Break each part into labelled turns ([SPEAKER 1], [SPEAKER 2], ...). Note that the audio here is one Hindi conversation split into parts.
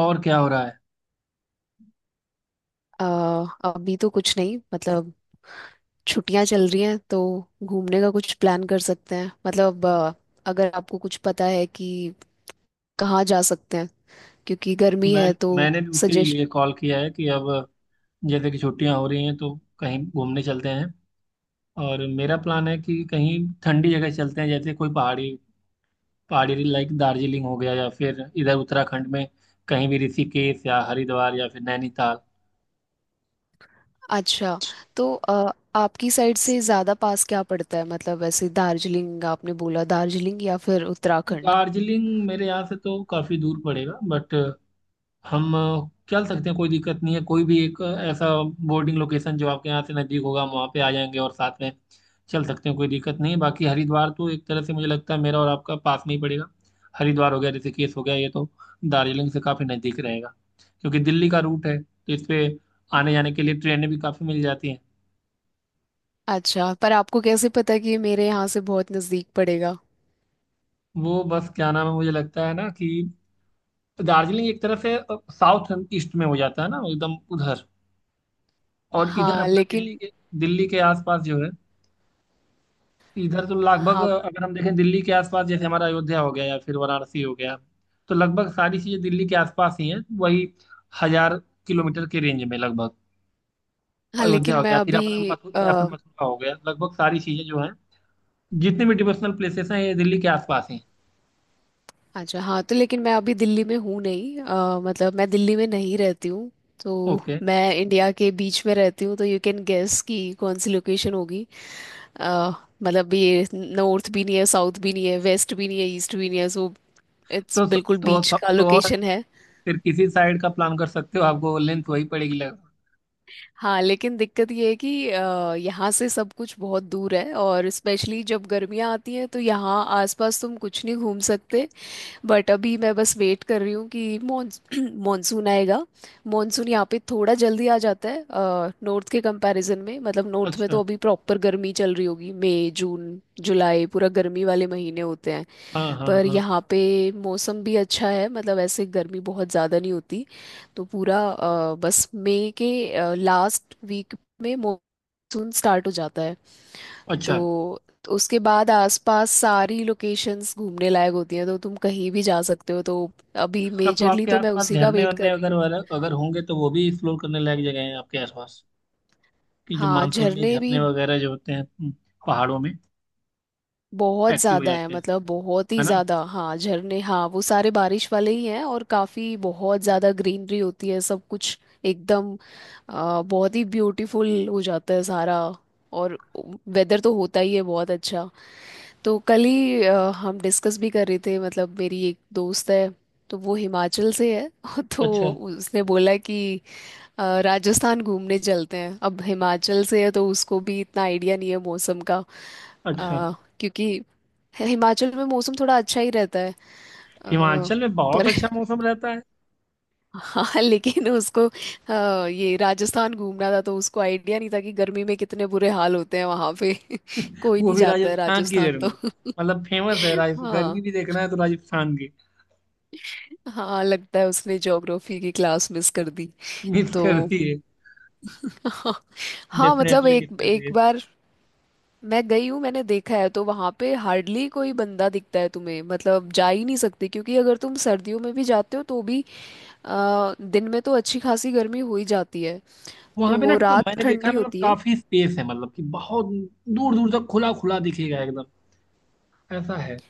[SPEAKER 1] और क्या हो रहा है?
[SPEAKER 2] अ, अभी तो कुछ नहीं मतलब छुट्टियां चल रही हैं तो घूमने का कुछ प्लान कर सकते हैं मतलब अगर आपको कुछ पता है कि कहाँ जा सकते हैं क्योंकि गर्मी
[SPEAKER 1] मैं
[SPEAKER 2] है तो
[SPEAKER 1] मैंने भी उसी
[SPEAKER 2] सजेस्ट।
[SPEAKER 1] लिए कॉल किया है कि अब जैसे कि छुट्टियां हो रही हैं तो कहीं घूमने चलते हैं। और मेरा प्लान है कि कहीं ठंडी जगह चलते हैं, जैसे कोई पहाड़ी पहाड़ी लाइक दार्जिलिंग हो गया या फिर इधर उत्तराखंड में, कहीं भी ऋषिकेश या हरिद्वार या फिर नैनीताल।
[SPEAKER 2] अच्छा तो आपकी साइड से ज़्यादा पास क्या पड़ता है मतलब ऐसे दार्जिलिंग आपने बोला दार्जिलिंग या फिर उत्तराखंड।
[SPEAKER 1] दार्जिलिंग मेरे यहाँ से तो काफ़ी दूर पड़ेगा बट हम चल सकते हैं, कोई दिक्कत नहीं है। कोई भी एक ऐसा बोर्डिंग लोकेशन जो आपके यहाँ से नज़दीक होगा, हम वहाँ पे आ जाएंगे और साथ में चल सकते हैं, कोई दिक्कत नहीं है। बाकी हरिद्वार तो एक तरह से मुझे लगता है मेरा और आपका पास में ही पड़ेगा। हरिद्वार हो गया, ऋषिकेश हो गया, ये तो दार्जिलिंग से काफ़ी नज़दीक रहेगा क्योंकि दिल्ली का रूट है तो इस पे आने जाने के लिए ट्रेनें भी काफ़ी मिल जाती हैं।
[SPEAKER 2] अच्छा पर आपको कैसे पता कि ये मेरे यहाँ से बहुत नज़दीक पड़ेगा।
[SPEAKER 1] वो, बस क्या नाम है, मुझे लगता है ना कि दार्जिलिंग एक तरह से साउथ ईस्ट में हो जाता है ना, एकदम उधर। और इधर
[SPEAKER 2] हाँ
[SPEAKER 1] अपना दिल्ली
[SPEAKER 2] लेकिन।
[SPEAKER 1] के दिल्ली के आसपास जो है, इधर तो लगभग
[SPEAKER 2] हाँ।
[SPEAKER 1] अगर हम देखें दिल्ली के आसपास, जैसे हमारा अयोध्या हो गया या फिर वाराणसी हो गया, तो लगभग सारी चीजें दिल्ली के आसपास ही हैं। वही 1,000 किलोमीटर के रेंज में लगभग।
[SPEAKER 2] हाँ
[SPEAKER 1] अयोध्या
[SPEAKER 2] लेकिन
[SPEAKER 1] हो
[SPEAKER 2] मैं
[SPEAKER 1] गया, फिर
[SPEAKER 2] अभी
[SPEAKER 1] अपना मथु या फिर मथुरा हो गया, लगभग सारी चीजें जो हैं, जितने भी डिवोशनल प्लेसेस हैं, ये दिल्ली के आसपास ही हैं।
[SPEAKER 2] अच्छा, हाँ तो लेकिन मैं अभी दिल्ली में हूँ नहीं, मतलब मैं दिल्ली में नहीं रहती हूँ। तो
[SPEAKER 1] ओके।
[SPEAKER 2] मैं इंडिया के बीच में रहती हूँ तो यू कैन गेस कि कौन सी लोकेशन होगी। अ, मतलब ये नॉर्थ भी नहीं है, साउथ भी नहीं है, वेस्ट भी नहीं है, ईस्ट भी नहीं है, सो इट्स
[SPEAKER 1] तो स-
[SPEAKER 2] बिल्कुल बीच का
[SPEAKER 1] और
[SPEAKER 2] लोकेशन
[SPEAKER 1] अच्छा है।
[SPEAKER 2] है।
[SPEAKER 1] फिर किसी साइड का प्लान कर सकते हो, आपको लेंथ वही पड़ेगी लगभग।
[SPEAKER 2] हाँ लेकिन दिक्कत ये है कि यहाँ से सब कुछ बहुत दूर है और स्पेशली जब गर्मियाँ आती हैं तो यहाँ आसपास तुम कुछ नहीं घूम सकते। बट अभी मैं बस वेट कर रही हूँ कि मॉनसून आएगा। मॉनसून यहाँ पे थोड़ा जल्दी आ जाता है नॉर्थ के कंपैरिजन में। मतलब नॉर्थ में
[SPEAKER 1] अच्छा।
[SPEAKER 2] तो अभी प्रॉपर गर्मी चल रही होगी, मई जून जुलाई पूरा गर्मी वाले महीने होते हैं।
[SPEAKER 1] हाँ, हाँ,
[SPEAKER 2] पर
[SPEAKER 1] हाँ।
[SPEAKER 2] यहाँ पे मौसम भी अच्छा है, मतलब ऐसे गर्मी बहुत ज़्यादा नहीं होती। तो पूरा बस मई के लास्ट वीक में मॉनसून स्टार्ट हो जाता है।
[SPEAKER 1] अच्छा।
[SPEAKER 2] तो उसके बाद आसपास सारी लोकेशंस घूमने लायक होती हैं तो तुम कहीं भी जा सकते हो। तो अभी
[SPEAKER 1] तब तो
[SPEAKER 2] मेजरली
[SPEAKER 1] आपके
[SPEAKER 2] तो मैं
[SPEAKER 1] आसपास
[SPEAKER 2] उसी का
[SPEAKER 1] झरने
[SPEAKER 2] वेट कर
[SPEAKER 1] वरने
[SPEAKER 2] रही
[SPEAKER 1] अगर
[SPEAKER 2] हूँ।
[SPEAKER 1] अगर होंगे तो वो भी एक्सप्लोर करने लायक जगह है आपके आसपास, कि जो
[SPEAKER 2] हाँ
[SPEAKER 1] मानसून में
[SPEAKER 2] झरने भी
[SPEAKER 1] झरने वगैरह जो होते हैं, पहाड़ों में
[SPEAKER 2] बहुत
[SPEAKER 1] एक्टिव हो
[SPEAKER 2] ज़्यादा हैं,
[SPEAKER 1] जाते हैं,
[SPEAKER 2] मतलब बहुत ही
[SPEAKER 1] है ना?
[SPEAKER 2] ज़्यादा। हाँ झरने, हाँ वो सारे बारिश वाले ही हैं और काफ़ी बहुत ज़्यादा ग्रीनरी होती है सब कुछ एकदम। बहुत ही ब्यूटीफुल हो जाता है सारा, और वेदर तो होता ही है बहुत अच्छा। तो कल ही हम डिस्कस भी कर रहे थे, मतलब मेरी एक दोस्त है तो वो हिमाचल से है तो
[SPEAKER 1] अच्छा।
[SPEAKER 2] उसने बोला कि राजस्थान घूमने चलते हैं। अब हिमाचल से है तो उसको भी इतना आइडिया नहीं है मौसम का।
[SPEAKER 1] अच्छा।
[SPEAKER 2] अ, क्योंकि हिमाचल में मौसम थोड़ा अच्छा ही रहता है। अ,
[SPEAKER 1] हिमाचल में बहुत
[SPEAKER 2] पर
[SPEAKER 1] अच्छा मौसम रहता है।
[SPEAKER 2] हाँ लेकिन उसको ये राजस्थान घूमना था तो उसको आइडिया नहीं था कि गर्मी में कितने बुरे हाल होते हैं वहाँ पे। कोई
[SPEAKER 1] वो
[SPEAKER 2] नहीं
[SPEAKER 1] भी
[SPEAKER 2] जाता है
[SPEAKER 1] राजस्थान की
[SPEAKER 2] राजस्थान तो।
[SPEAKER 1] गर्मी, मतलब फेमस है, राज गर्मी
[SPEAKER 2] हाँ।
[SPEAKER 1] भी देखना है तो राजस्थान की।
[SPEAKER 2] हाँ लगता है उसने ज्योग्राफी की क्लास मिस कर दी
[SPEAKER 1] मिस
[SPEAKER 2] तो।
[SPEAKER 1] करती है,
[SPEAKER 2] हाँ मतलब
[SPEAKER 1] डेफिनेटली
[SPEAKER 2] एक
[SPEAKER 1] मिस करती
[SPEAKER 2] एक
[SPEAKER 1] है।
[SPEAKER 2] बार मैं गई हूँ, मैंने देखा है तो वहाँ पे हार्डली कोई बंदा दिखता है तुम्हें। मतलब जा ही नहीं सकते क्योंकि अगर तुम सर्दियों में भी जाते हो तो भी दिन में तो अच्छी खासी गर्मी हो ही जाती है, तो
[SPEAKER 1] वहां पे ना
[SPEAKER 2] वो रात
[SPEAKER 1] मैंने देखा
[SPEAKER 2] ठंडी
[SPEAKER 1] है, मतलब
[SPEAKER 2] होती है।
[SPEAKER 1] काफी स्पेस है, मतलब कि बहुत दूर दूर तक खुला खुला दिखेगा एकदम, ऐसा है।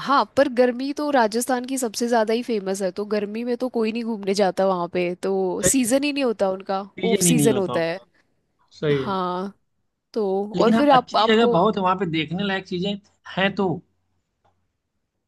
[SPEAKER 2] हाँ पर गर्मी तो राजस्थान की सबसे ज़्यादा ही फेमस है तो गर्मी में तो कोई नहीं घूमने जाता वहाँ पे। तो
[SPEAKER 1] सही है।
[SPEAKER 2] सीज़न ही नहीं होता उनका, ऑफ
[SPEAKER 1] सीजन ही नहीं
[SPEAKER 2] सीज़न
[SPEAKER 1] होता
[SPEAKER 2] होता है।
[SPEAKER 1] उनका। सही है।
[SPEAKER 2] हाँ तो। और
[SPEAKER 1] लेकिन हाँ,
[SPEAKER 2] फिर आप
[SPEAKER 1] अच्छी जगह
[SPEAKER 2] आपको।
[SPEAKER 1] बहुत है वहां पे, देखने लायक चीजें हैं तो।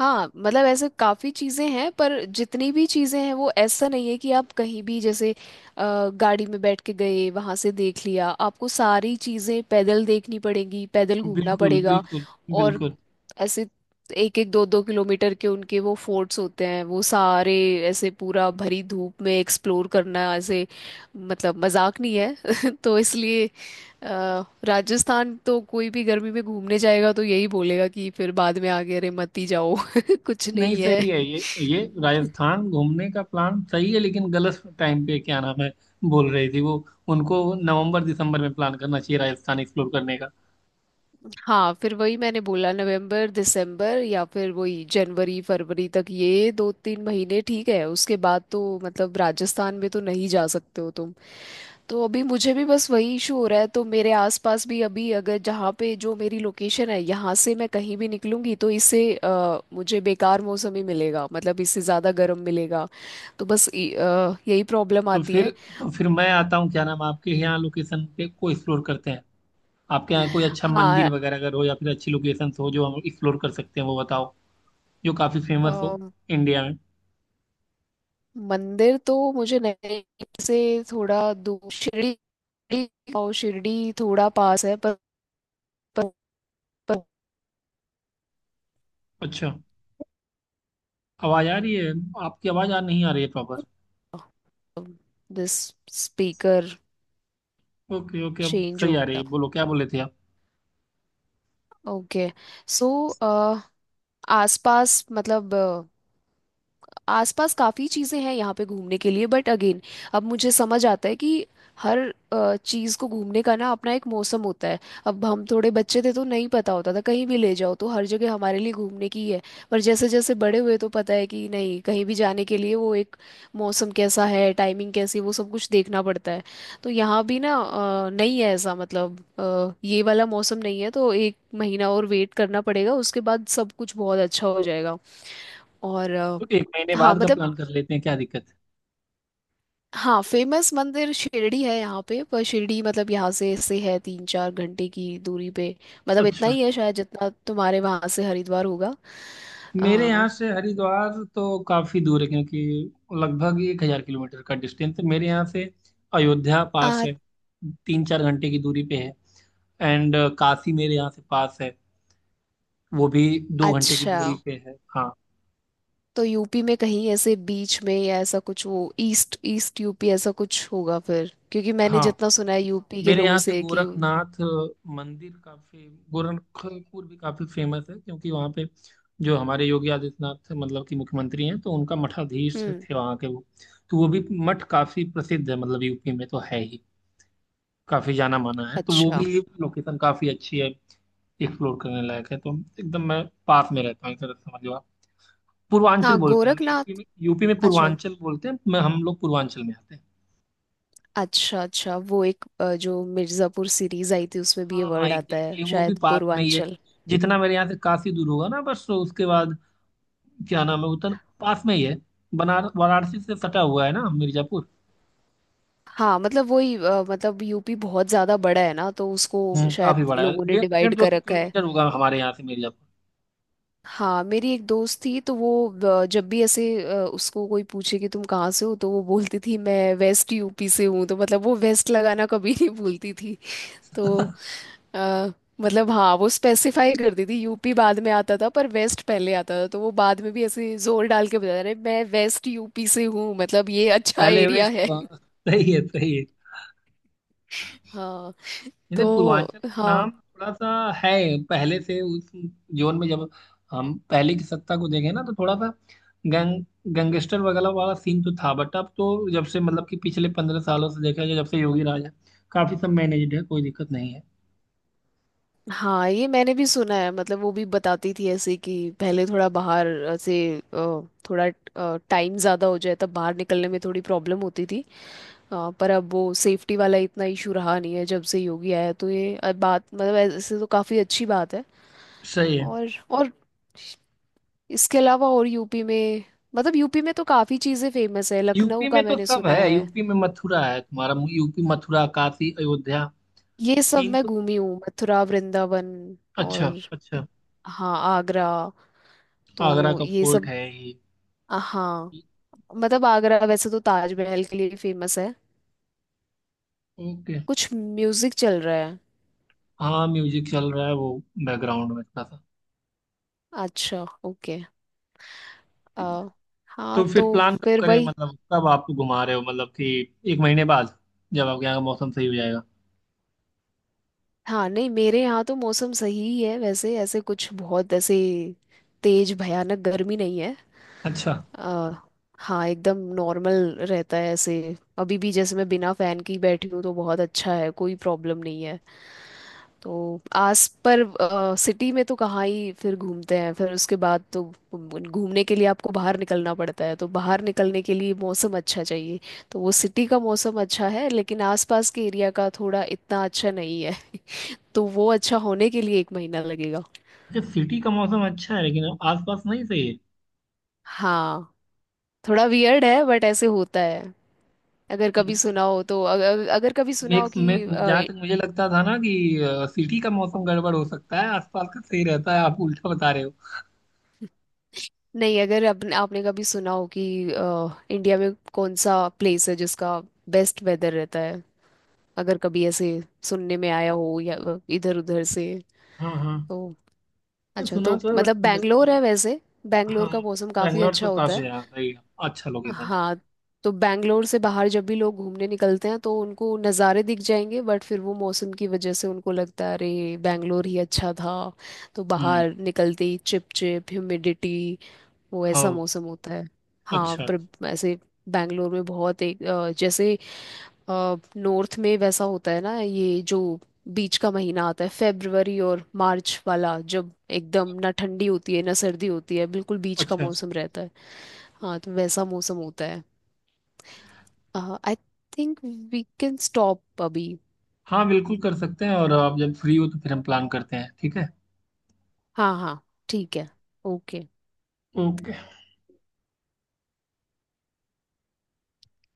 [SPEAKER 2] हाँ मतलब ऐसे काफ़ी चीज़ें हैं पर जितनी भी चीज़ें हैं वो ऐसा नहीं है कि आप कहीं भी जैसे गाड़ी में बैठ के गए वहाँ से देख लिया। आपको सारी चीज़ें पैदल देखनी पड़ेंगी, पैदल घूमना
[SPEAKER 1] बिल्कुल,
[SPEAKER 2] पड़ेगा।
[SPEAKER 1] बिल्कुल।
[SPEAKER 2] और
[SPEAKER 1] बिल्कुल।
[SPEAKER 2] ऐसे एक एक दो दो किलोमीटर के उनके वो फोर्ट्स होते हैं वो सारे ऐसे पूरा भरी धूप में एक्सप्लोर करना, ऐसे मतलब मजाक नहीं है तो इसलिए राजस्थान तो कोई भी गर्मी में घूमने जाएगा तो यही बोलेगा कि फिर बाद में आगे अरे मत ही जाओ कुछ
[SPEAKER 1] नहीं,
[SPEAKER 2] नहीं है।
[SPEAKER 1] सही है ये। ये राजस्थान घूमने का प्लान सही है लेकिन गलत टाइम पे, क्या नाम है, बोल रही थी वो, उनको नवंबर दिसंबर में प्लान करना चाहिए राजस्थान एक्सप्लोर करने का।
[SPEAKER 2] हाँ फिर वही मैंने बोला नवंबर दिसंबर या फिर वही जनवरी फरवरी तक, ये दो तीन महीने ठीक है। उसके बाद तो मतलब राजस्थान में तो नहीं जा सकते हो तुम। तो अभी मुझे भी बस वही इशू हो रहा है तो मेरे आसपास भी अभी अगर, जहाँ पे जो मेरी लोकेशन है, यहाँ से मैं कहीं भी निकलूंगी तो इससे मुझे बेकार मौसम ही मिलेगा, मतलब इससे ज़्यादा गर्म मिलेगा। तो बस यही प्रॉब्लम
[SPEAKER 1] तो
[SPEAKER 2] आती
[SPEAKER 1] फिर
[SPEAKER 2] है।
[SPEAKER 1] तो फिर मैं आता हूँ, क्या नाम, आपके यहाँ लोकेशन पे को एक्सप्लोर करते हैं। आपके यहाँ कोई अच्छा मंदिर
[SPEAKER 2] हाँ।
[SPEAKER 1] वगैरह अगर हो या फिर अच्छी लोकेशन हो जो हम एक्सप्लोर कर सकते हैं, वो बताओ, जो काफी फेमस हो
[SPEAKER 2] अ,
[SPEAKER 1] इंडिया में।
[SPEAKER 2] मंदिर तो मुझे नहीं से थोड़ा दूर शिरडी और शिरडी थोड़ा पास है पर, पर, पर।
[SPEAKER 1] अच्छा। आवाज आ रही है आपकी आवाज आ नहीं आ रही है proper.
[SPEAKER 2] This speaker
[SPEAKER 1] okay, okay, अब
[SPEAKER 2] चेंज
[SPEAKER 1] सही
[SPEAKER 2] हो
[SPEAKER 1] आ रही
[SPEAKER 2] गया।
[SPEAKER 1] है, बोलो क्या बोले थे आप।
[SPEAKER 2] ओके। सो आसपास मतलब आसपास काफ़ी चीज़ें हैं यहाँ पे घूमने के लिए बट अगेन अब मुझे समझ आता है कि हर चीज़ को घूमने का ना अपना एक मौसम होता है। अब हम थोड़े बच्चे थे तो नहीं पता होता था, कहीं भी ले जाओ तो हर जगह हमारे लिए घूमने की ही है। पर जैसे जैसे बड़े हुए तो पता है कि नहीं, कहीं भी जाने के लिए वो एक मौसम कैसा है, टाइमिंग कैसी है, वो सब कुछ देखना पड़ता है। तो यहाँ भी ना नहीं है ऐसा, मतलब ये वाला मौसम नहीं है तो एक महीना और वेट करना पड़ेगा, उसके बाद सब कुछ बहुत अच्छा हो जाएगा। और
[SPEAKER 1] तो एक महीने
[SPEAKER 2] हाँ
[SPEAKER 1] बाद का
[SPEAKER 2] मतलब।
[SPEAKER 1] प्लान कर लेते हैं, क्या दिक्कत।
[SPEAKER 2] हाँ फेमस मंदिर शिरडी है यहाँ पे पर शिरडी, मतलब यहाँ से है तीन चार घंटे की दूरी पे। मतलब इतना
[SPEAKER 1] अच्छा है।
[SPEAKER 2] ही है शायद जितना तुम्हारे वहाँ से हरिद्वार होगा।
[SPEAKER 1] मेरे
[SPEAKER 2] आ,
[SPEAKER 1] यहाँ से हरिद्वार तो काफी दूर है क्योंकि लगभग 1,000 किलोमीटर का डिस्टेंस है मेरे यहाँ से। अयोध्या पास
[SPEAKER 2] आ,
[SPEAKER 1] है, 3-4 घंटे की दूरी पे है। एंड काशी मेरे यहाँ से पास है, वो भी 2 घंटे की
[SPEAKER 2] अच्छा,
[SPEAKER 1] दूरी पे है। हाँ।
[SPEAKER 2] तो यूपी में कहीं ऐसे बीच में या ऐसा कुछ, वो ईस्ट ईस्ट यूपी ऐसा कुछ होगा फिर क्योंकि मैंने
[SPEAKER 1] हाँ,
[SPEAKER 2] जितना सुना है यूपी के
[SPEAKER 1] मेरे
[SPEAKER 2] लोगों
[SPEAKER 1] यहाँ से
[SPEAKER 2] से कि।
[SPEAKER 1] गोरखनाथ मंदिर काफी, गोरखपुर भी काफी फेमस है क्योंकि वहाँ पे जो हमारे योगी आदित्यनाथ, मतलब कि मुख्यमंत्री हैं, तो उनका मठाधीश
[SPEAKER 2] हम्म।
[SPEAKER 1] थे वहाँ के वो। तो वो भी मठ काफी प्रसिद्ध है, मतलब यूपी में तो है ही, काफी जाना माना है, तो वो भी
[SPEAKER 2] अच्छा।
[SPEAKER 1] लोकेशन काफी अच्छी है, एक्सप्लोर करने लायक है, तो एकदम मैं पास में रहता हूँ एक तरह से, समझ लो आप। पूर्वांचल
[SPEAKER 2] हाँ
[SPEAKER 1] बोलते हैं हम यूपी
[SPEAKER 2] गोरखनाथ।
[SPEAKER 1] में, यूपी में
[SPEAKER 2] अच्छा
[SPEAKER 1] पूर्वांचल बोलते हैं, मैं हम लोग पूर्वांचल में आते हैं।
[SPEAKER 2] अच्छा अच्छा वो एक जो मिर्ज़ापुर सीरीज आई थी उसमें भी ये
[SPEAKER 1] हाँ
[SPEAKER 2] वर्ड आता है
[SPEAKER 1] एग्जैक्टली, वो भी
[SPEAKER 2] शायद,
[SPEAKER 1] पास में ही है।
[SPEAKER 2] पूर्वांचल।
[SPEAKER 1] जितना मेरे यहाँ से काशी दूर होगा ना बस, तो उसके बाद, क्या नाम है, उतना पास में ही है। बनारस वाराणसी से सटा हुआ है ना मिर्जापुर।
[SPEAKER 2] हाँ मतलब वही मतलब यूपी बहुत ज्यादा बड़ा है ना तो उसको
[SPEAKER 1] हम्म, काफी
[SPEAKER 2] शायद
[SPEAKER 1] बड़ा है।
[SPEAKER 2] लोगों ने
[SPEAKER 1] डेढ़ डेढ़
[SPEAKER 2] डिवाइड
[SPEAKER 1] दो
[SPEAKER 2] कर
[SPEAKER 1] सौ
[SPEAKER 2] रखा है।
[SPEAKER 1] किलोमीटर होगा हमारे यहाँ से मिर्जापुर।
[SPEAKER 2] हाँ मेरी एक दोस्त थी तो वो जब भी ऐसे उसको कोई पूछे कि तुम कहाँ से हो तो वो बोलती थी मैं वेस्ट यूपी से हूँ, तो मतलब वो वेस्ट लगाना कभी नहीं भूलती थी। तो अ, मतलब हाँ वो स्पेसिफाई करती थी, यूपी बाद में आता था पर वेस्ट पहले आता था। तो वो बाद में भी ऐसे जोर डाल के बता रहे मैं वेस्ट यूपी से हूँ, मतलब ये अच्छा
[SPEAKER 1] पहले
[SPEAKER 2] एरिया
[SPEAKER 1] वेस्ट
[SPEAKER 2] है।
[SPEAKER 1] हुआ। सही है, सही है।
[SPEAKER 2] हाँ
[SPEAKER 1] जैसे
[SPEAKER 2] तो।
[SPEAKER 1] पूर्वांचल का
[SPEAKER 2] हाँ।
[SPEAKER 1] नाम थोड़ा सा है पहले से उस जोन में, जब हम पहले की सत्ता को देखें ना, तो थोड़ा सा गैंगस्टर वगैरह वाला सीन तो था, बट अब तो जब से, मतलब कि पिछले 15 सालों से देखा जाए, जब से योगी राज है, काफी सब मैनेज्ड है, कोई दिक्कत नहीं है।
[SPEAKER 2] हाँ ये मैंने भी सुना है, मतलब वो भी बताती थी ऐसे कि पहले थोड़ा बाहर ऐसे अ, थोड़ा टाइम ज़्यादा हो जाए तब बाहर निकलने में थोड़ी प्रॉब्लम होती थी। पर अब वो सेफ्टी वाला इतना इशू रहा नहीं है जब से योगी आया है, तो ये बात मतलब ऐसे तो काफ़ी अच्छी बात है।
[SPEAKER 1] सही है।
[SPEAKER 2] और और इसके अलावा, और यूपी में मतलब यूपी में तो काफ़ी चीज़ें फेमस है, लखनऊ
[SPEAKER 1] यूपी में
[SPEAKER 2] का
[SPEAKER 1] तो
[SPEAKER 2] मैंने
[SPEAKER 1] सब
[SPEAKER 2] सुना
[SPEAKER 1] है,
[SPEAKER 2] है।
[SPEAKER 1] यूपी में मथुरा है तुम्हारा, यूपी मथुरा काशी अयोध्या
[SPEAKER 2] ये सब
[SPEAKER 1] तीन
[SPEAKER 2] मैं
[SPEAKER 1] तो।
[SPEAKER 2] घूमी हूँ, मथुरा वृंदावन
[SPEAKER 1] अच्छा,
[SPEAKER 2] और
[SPEAKER 1] अच्छा।
[SPEAKER 2] हाँ आगरा,
[SPEAKER 1] आगरा
[SPEAKER 2] तो
[SPEAKER 1] का
[SPEAKER 2] ये
[SPEAKER 1] फोर्ट
[SPEAKER 2] सब।
[SPEAKER 1] है ही।
[SPEAKER 2] हाँ मतलब आगरा वैसे तो ताजमहल के लिए फेमस है।
[SPEAKER 1] ओके।
[SPEAKER 2] कुछ म्यूजिक चल रहा है।
[SPEAKER 1] हाँ, म्यूजिक चल रहा है, वो बैकग्राउंड में थोड़ा सा।
[SPEAKER 2] अच्छा ओके। आ,
[SPEAKER 1] तो
[SPEAKER 2] हाँ
[SPEAKER 1] फिर
[SPEAKER 2] तो
[SPEAKER 1] प्लान कब
[SPEAKER 2] फिर
[SPEAKER 1] करें,
[SPEAKER 2] वही।
[SPEAKER 1] मतलब कब आपको घुमा रहे हो, मतलब कि एक महीने बाद जब आपके यहाँ का मौसम सही हो जाएगा।
[SPEAKER 2] हाँ नहीं मेरे यहाँ तो मौसम सही ही है वैसे, ऐसे कुछ बहुत ऐसे तेज भयानक गर्मी नहीं है।
[SPEAKER 1] अच्छा।
[SPEAKER 2] आ, हाँ एकदम नॉर्मल रहता है ऐसे, अभी भी जैसे मैं बिना फैन के ही बैठी हूँ तो बहुत अच्छा है, कोई प्रॉब्लम नहीं है। तो आस पर सिटी में तो कहाँ ही फिर घूमते हैं, फिर उसके बाद तो घूमने के लिए आपको बाहर निकलना पड़ता है, तो बाहर निकलने के लिए मौसम अच्छा चाहिए। तो वो सिटी का मौसम अच्छा है लेकिन आसपास के एरिया का थोड़ा इतना अच्छा नहीं है, तो वो अच्छा होने के लिए एक महीना लगेगा।
[SPEAKER 1] अच्छा, सिटी का मौसम अच्छा है लेकिन आसपास नहीं, सही
[SPEAKER 2] हाँ थोड़ा वियर्ड है बट ऐसे होता है। अगर
[SPEAKER 1] है।
[SPEAKER 2] कभी सुना हो तो अगर कभी सुना
[SPEAKER 1] मैं
[SPEAKER 2] हो
[SPEAKER 1] मैं
[SPEAKER 2] कि
[SPEAKER 1] जहाँ तक मुझे लगता था ना कि सिटी का मौसम गड़बड़ हो सकता है, आसपास का सही रहता है, आप उल्टा बता रहे हो।
[SPEAKER 2] नहीं, अगर अपने आपने कभी सुना हो कि इंडिया में कौन सा प्लेस है जिसका बेस्ट वेदर रहता है, अगर कभी ऐसे सुनने में आया हो या इधर उधर से
[SPEAKER 1] हाँ, हाँ।
[SPEAKER 2] तो।
[SPEAKER 1] मैं
[SPEAKER 2] अच्छा
[SPEAKER 1] सुना
[SPEAKER 2] तो
[SPEAKER 1] तो है बट
[SPEAKER 2] मतलब
[SPEAKER 1] जैसे
[SPEAKER 2] बैंगलोर
[SPEAKER 1] अभी।
[SPEAKER 2] है वैसे, बैंगलोर
[SPEAKER 1] हाँ।
[SPEAKER 2] का मौसम काफ़ी
[SPEAKER 1] बैंगलोर
[SPEAKER 2] अच्छा
[SPEAKER 1] तो
[SPEAKER 2] होता
[SPEAKER 1] काफी
[SPEAKER 2] है।
[SPEAKER 1] है, सही है, अच्छा लोकेशन है।
[SPEAKER 2] हाँ तो बैंगलोर से बाहर जब भी लोग घूमने निकलते हैं तो उनको नज़ारे दिख जाएंगे बट फिर वो मौसम की वजह से उनको लगता है अरे बैंगलोर ही अच्छा था। तो
[SPEAKER 1] हम्म।
[SPEAKER 2] बाहर निकलते ही चिप चिप ह्यूमिडिटी, वो ऐसा
[SPEAKER 1] हाँ।
[SPEAKER 2] मौसम होता है। हाँ
[SPEAKER 1] अच्छा।
[SPEAKER 2] पर ऐसे बैंगलोर में बहुत एक जैसे नॉर्थ में वैसा होता है ना, ये जो बीच का महीना आता है फेब्रुवरी और मार्च वाला, जब एकदम ना ठंडी होती है ना सर्दी होती है, बिल्कुल बीच का
[SPEAKER 1] अच्छा।
[SPEAKER 2] मौसम रहता है। हाँ तो वैसा मौसम होता है। I think we can stop अभी।
[SPEAKER 1] हाँ, बिल्कुल कर सकते हैं, और आप जब फ्री हो तो फिर हम प्लान करते हैं, ठीक है।
[SPEAKER 2] हाँ हाँ ठीक है ओके।
[SPEAKER 1] ओके।